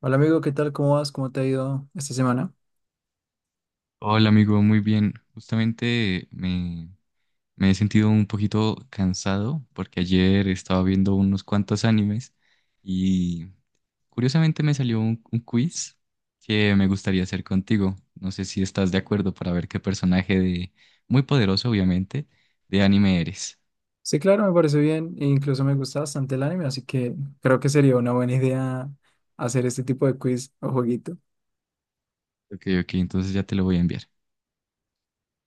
Hola amigo, ¿qué tal? ¿Cómo vas? ¿Cómo te ha ido esta semana? Hola amigo, muy bien. Justamente me he sentido un poquito cansado porque ayer estaba viendo unos cuantos animes y curiosamente me salió un quiz que me gustaría hacer contigo. No sé si estás de acuerdo para ver qué personaje de, muy poderoso obviamente, de anime eres. Sí, claro, me parece bien e incluso me gusta bastante el anime, así que creo que sería una buena idea hacer este tipo de quiz o jueguito. Ok, ok, entonces ya te lo voy a enviar.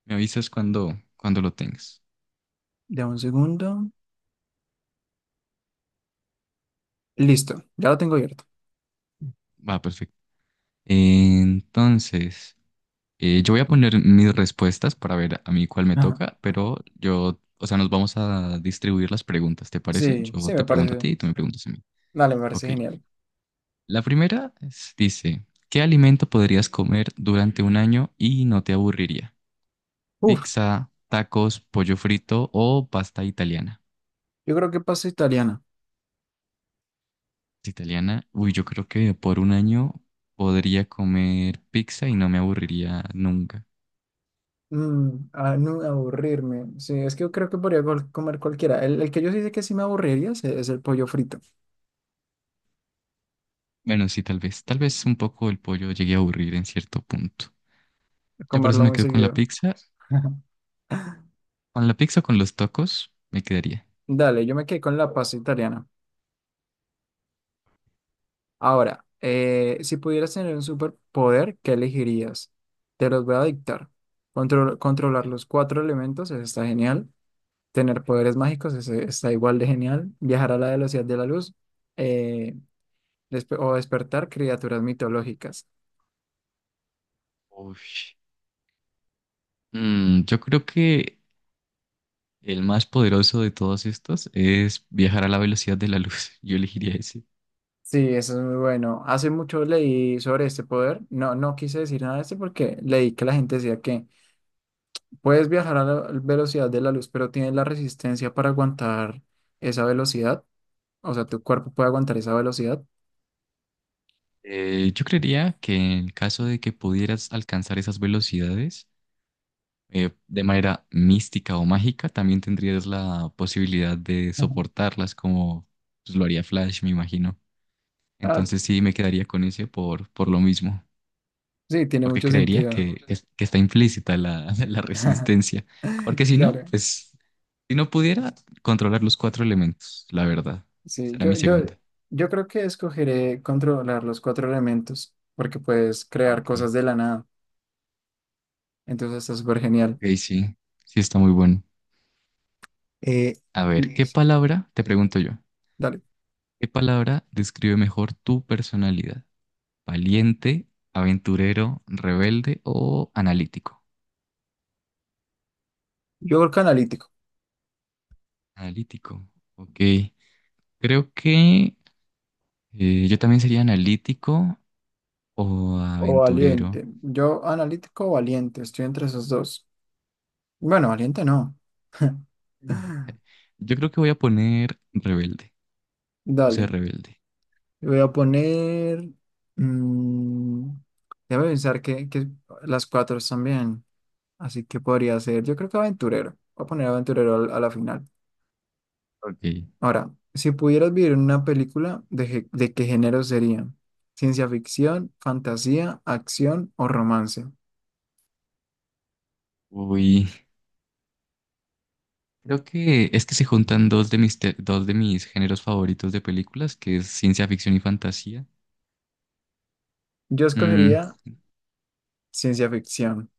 Me avisas cuando lo tengas. Dame un segundo. Listo, ya lo tengo abierto. Va, perfecto. Entonces... yo voy a poner mis respuestas para ver a mí cuál me Ajá. toca, pero yo, o sea, nos vamos a distribuir las preguntas, ¿te parece? Sí, Yo sí, te me pregunto a parece. ti y tú me preguntas a mí. Dale, me parece Ok. genial. Dice, ¿qué alimento podrías comer durante un año y no te aburriría? Uf, Pizza, tacos, pollo frito o pasta italiana. yo creo que paso italiana. Italiana, uy, yo creo que por un año podría comer pizza y no me aburriría nunca. Mm, a no aburrirme. Sí, es que yo creo que podría comer cualquiera. El que yo sí sé que sí me aburriría es el pollo frito, Bueno, sí, tal vez un poco el pollo llegue a aburrir en cierto punto. Yo por eso comerlo me muy quedo con la seguido. pizza. Con la pizza o con los tacos me quedaría. Dale, yo me quedé con la pasta italiana. Ahora, si pudieras tener un superpoder, ¿qué elegirías? Te los voy a dictar. Controlar los cuatro elementos, eso está genial. Tener poderes mágicos, eso está igual de genial. Viajar a la velocidad de la luz, eh, o despertar criaturas mitológicas. Uy. Yo creo que el más poderoso de todos estos es viajar a la velocidad de la luz. Yo elegiría ese. Sí, eso es muy bueno. Hace mucho leí sobre este poder. No, no quise decir nada de este porque leí que la gente decía que puedes viajar a la velocidad de la luz, pero tienes la resistencia para aguantar esa velocidad. O sea, tu cuerpo puede aguantar esa velocidad. Yo creería que en el caso de que pudieras alcanzar esas velocidades, de manera mística o mágica, también tendrías la posibilidad de Ujú. soportarlas como pues, lo haría Flash, me imagino. Ah, Entonces sí, me quedaría con ese por lo mismo. sí, tiene Porque mucho creería sentido. Que está implícita la, la resistencia. Porque si no, Claro, pues, si no pudiera controlar los cuatro elementos, la verdad. sí, Esa era mi yo, yo, segunda. yo creo que escogeré controlar los cuatro elementos, porque puedes Ah, crear ok. cosas de la nada, entonces está súper genial. Ok, sí, sí está muy bueno. Eh, A ver, l- ¿qué palabra, te pregunto yo, Dale, qué palabra describe mejor tu personalidad? ¿Valiente, aventurero, rebelde o analítico? yo creo que analítico Analítico, ok. Creo que yo también sería analítico o o aventurero. valiente, yo analítico o valiente, estoy entre esos dos. Bueno, valiente no. Yo creo que voy a poner rebelde, o Dale, sea, rebelde. voy a poner, mm, déjame pensar que las cuatro están bien. Así que podría ser, yo creo que aventurero. Voy a poner aventurero a la final. Ok. Ahora, si pudieras vivir en una película, ¿de qué género sería? ¿Ciencia ficción, fantasía, acción o romance? Uy, creo que es que se juntan dos de dos de mis géneros favoritos de películas, que es ciencia ficción y fantasía. Yo Mm, escogería ciencia ficción.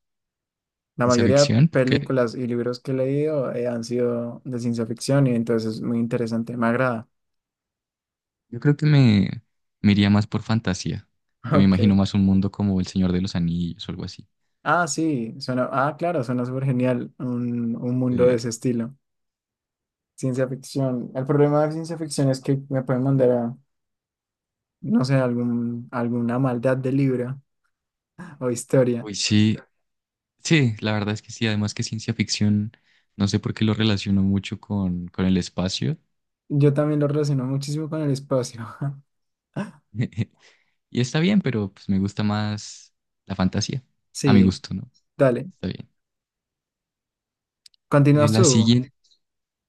La ciencia mayoría de ficción, porque películas y libros que he leído han sido de ciencia ficción y entonces es muy interesante, me agrada. yo creo que me iría más por fantasía, que me imagino Ok. más un mundo como El Señor de los Anillos o algo así. Ah, sí, suena, ah, claro, suena súper genial un mundo de Eh, ese estilo. Ciencia ficción. El problema de ciencia ficción es que me pueden mandar a no sé, alguna maldad de libro o historia. uy, sí, sí, la verdad es que sí, además que ciencia ficción, no sé por qué lo relaciono mucho con el espacio. Yo también lo relaciono muchísimo con el espacio. Y está bien, pero pues me gusta más la fantasía. A mi Sí, gusto, ¿no? dale. Está bien. Eh, Continúas la tú. siguiente,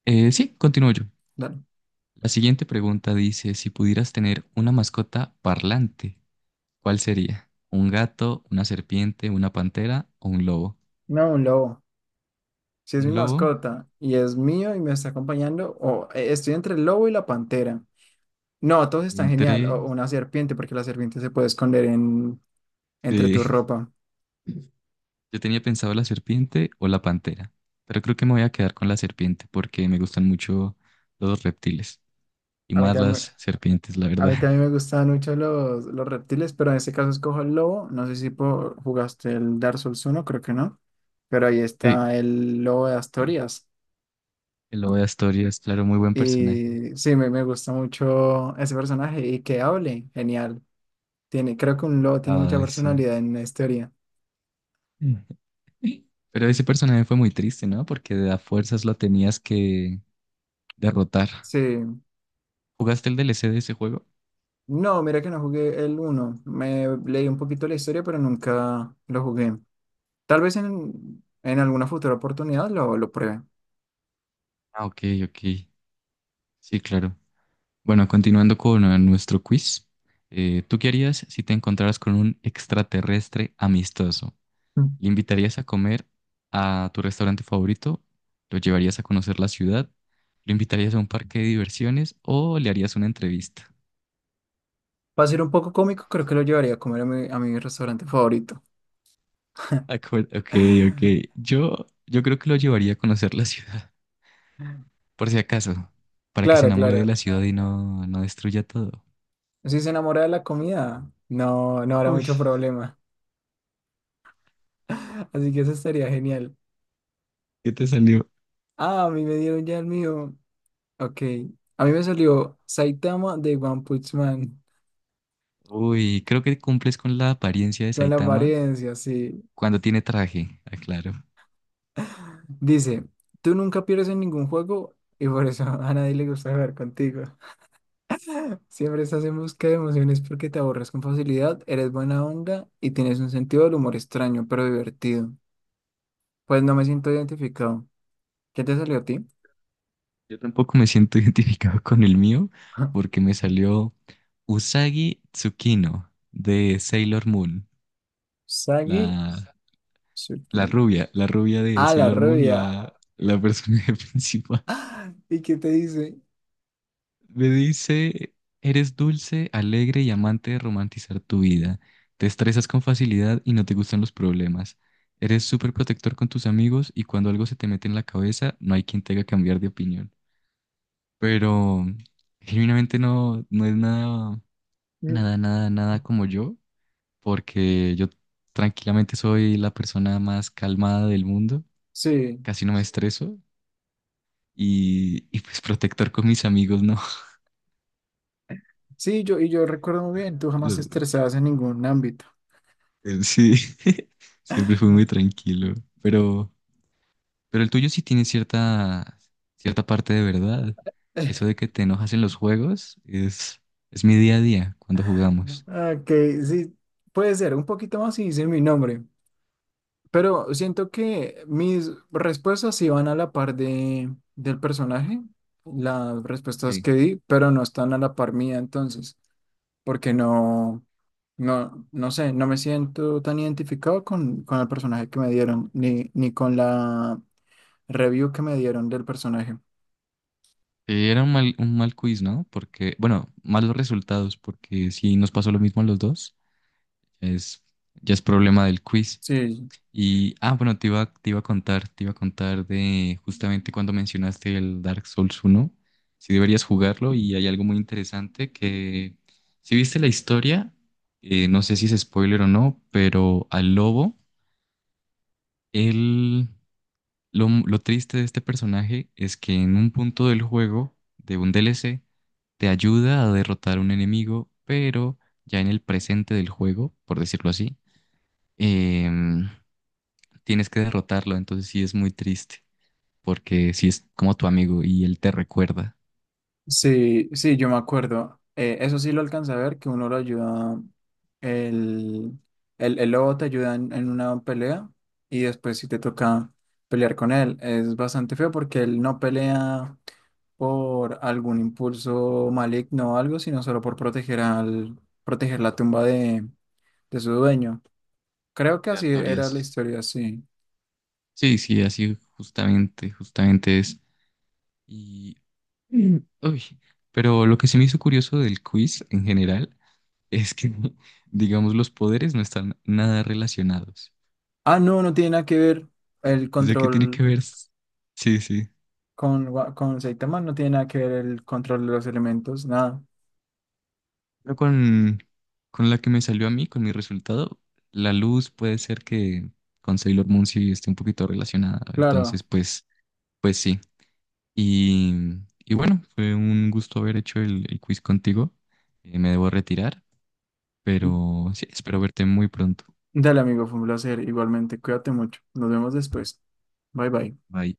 sí, continúo yo. Dale. La siguiente pregunta dice, si pudieras tener una mascota parlante, ¿cuál sería? ¿Un gato, una serpiente, una pantera o un lobo? No, un lobo. Si es mi Un lobo, mascota y es mío y me está acompañando, o estoy entre el lobo y la pantera. No, todos yo están genial. entré, O una serpiente, porque la serpiente se puede esconder en, entre sí. tu ropa. Yo tenía pensado la serpiente o la pantera, pero creo que me voy a quedar con la serpiente porque me gustan mucho los reptiles y A mí más también, las serpientes, la a verdad. mí también me gustaban mucho los reptiles, pero en este caso escojo el lobo. No sé si jugaste el Dark Souls 1, creo que no. Pero ahí está el lobo de Sí. Asturias. El lobo de Asturias, claro, muy buen personaje. Y sí, me gusta mucho ese personaje y que hable, genial. Tiene, creo que un lobo tiene mucha Ay, sí. personalidad en la historia. Mm. Pero ese personaje fue muy triste, ¿no? Porque de a fuerzas lo tenías que derrotar. Sí. ¿Jugaste el DLC de ese juego? No, mira que no jugué el uno. Me leí un poquito la historia, pero nunca lo jugué. Tal vez en alguna futura oportunidad lo pruebe. Ah, ok, ok. Sí, claro. Bueno, continuando con nuestro quiz. ¿Tú qué harías si te encontraras con un extraterrestre amistoso? ¿Le invitarías a comer a tu restaurante favorito? ¿Lo llevarías a conocer la ciudad? ¿Lo invitarías a un parque de diversiones o le harías una entrevista? Para ser un poco cómico, creo que lo llevaría a comer a mi restaurante favorito. Ok, ok. Yo creo que lo llevaría a conocer la ciudad, por si acaso, para que se Claro, enamore de claro. la ciudad y no destruya todo. Si se enamora de la comida, no, no habrá Uy, mucho problema. Así que eso estaría genial. ¿qué te salió? Ah, a mí me dieron ya el mío. Ok. A mí me salió Saitama de One Punch Man. Uy, creo que cumples con la apariencia de Con la Saitama apariencia, sí. cuando tiene traje, aclaro. Dice, tú nunca pierdes en ningún juego y por eso a nadie le gusta jugar contigo. Siempre estás en busca de emociones porque te aborras con facilidad, eres buena onda y tienes un sentido del humor extraño pero divertido. Pues no me siento identificado. ¿Qué te salió a ti? Yo tampoco me siento identificado con el mío porque me salió Usagi Tsukino de Sailor Moon, Sagi la, Tsukino. La rubia de Ah, la Sailor Moon, rubia. La personaje principal. ¡Ah! ¿Y qué te dice? Me dice, eres dulce, alegre y amante de romantizar tu vida. Te estresas con facilidad y no te gustan los problemas. Eres súper protector con tus amigos y cuando algo se te mete en la cabeza, no hay quien te haga cambiar de opinión. Pero genuinamente no es nada, Mm, nada, nada, nada como yo, porque yo tranquilamente soy la persona más calmada del mundo, sí, casi no me estreso y pues protector con mis amigos, no. sí, yo, y yo recuerdo muy bien, tú jamás te Los- estresabas en ningún ámbito. Sí, siempre fue muy tranquilo, pero, pero el tuyo sí tiene cierta, cierta parte de verdad. Eso de que te enojas en los juegos es mi día a día cuando jugamos. Ok, sí, puede ser, un poquito más si dice mi nombre, pero siento que mis respuestas sí van a la par del personaje, las respuestas Sí. que di, pero no están a la par mía entonces. Porque no sé, no me siento tan identificado con el personaje que me dieron, ni con la review que me dieron del personaje. Era un mal quiz, ¿no? Porque, bueno, malos resultados, porque si nos pasó lo mismo a los dos, es, ya es problema del quiz. Sí, Y, ah, bueno, te iba a contar, te iba a contar de justamente cuando mencionaste el Dark Souls 1 si deberías jugarlo y hay algo muy interesante que, si viste la historia, no sé si es spoiler o no, pero al lobo, él, lo triste de este personaje es que en un punto del juego, de un DLC, te ayuda a derrotar a un enemigo, pero ya en el presente del juego, por decirlo así, em, tienes que derrotarlo, entonces sí es muy triste, porque sí es como tu amigo y él te recuerda sí, yo me acuerdo. Eso sí lo alcancé a ver, que uno lo ayuda, el, el lobo te ayuda en una pelea y después si te toca pelear con él. Es bastante feo porque él no pelea por algún impulso maligno o algo, sino solo por proteger al, proteger la tumba de su dueño. Creo que de así era la Artorias. historia, sí. Sí, sí, así justamente, justamente es. Y, mm, uy, pero lo que se me hizo curioso del quiz en general es que, digamos, los poderes no están nada relacionados. Ah, no, no tiene nada que ver el O sea, que tiene que control ver, sí, sí, con Saitama, no tiene nada que ver el control de los elementos, nada. pero con la que me salió a mí, con mi resultado, la luz puede ser que con Sailor Moon sí esté un poquito relacionada, Claro. entonces pues pues sí. Y, y bueno, fue un gusto haber hecho el quiz contigo. Me debo retirar, pero sí, espero verte muy pronto. Dale, amigo, fue un placer. Igualmente, cuídate mucho. Nos vemos después. Bye bye. Bye.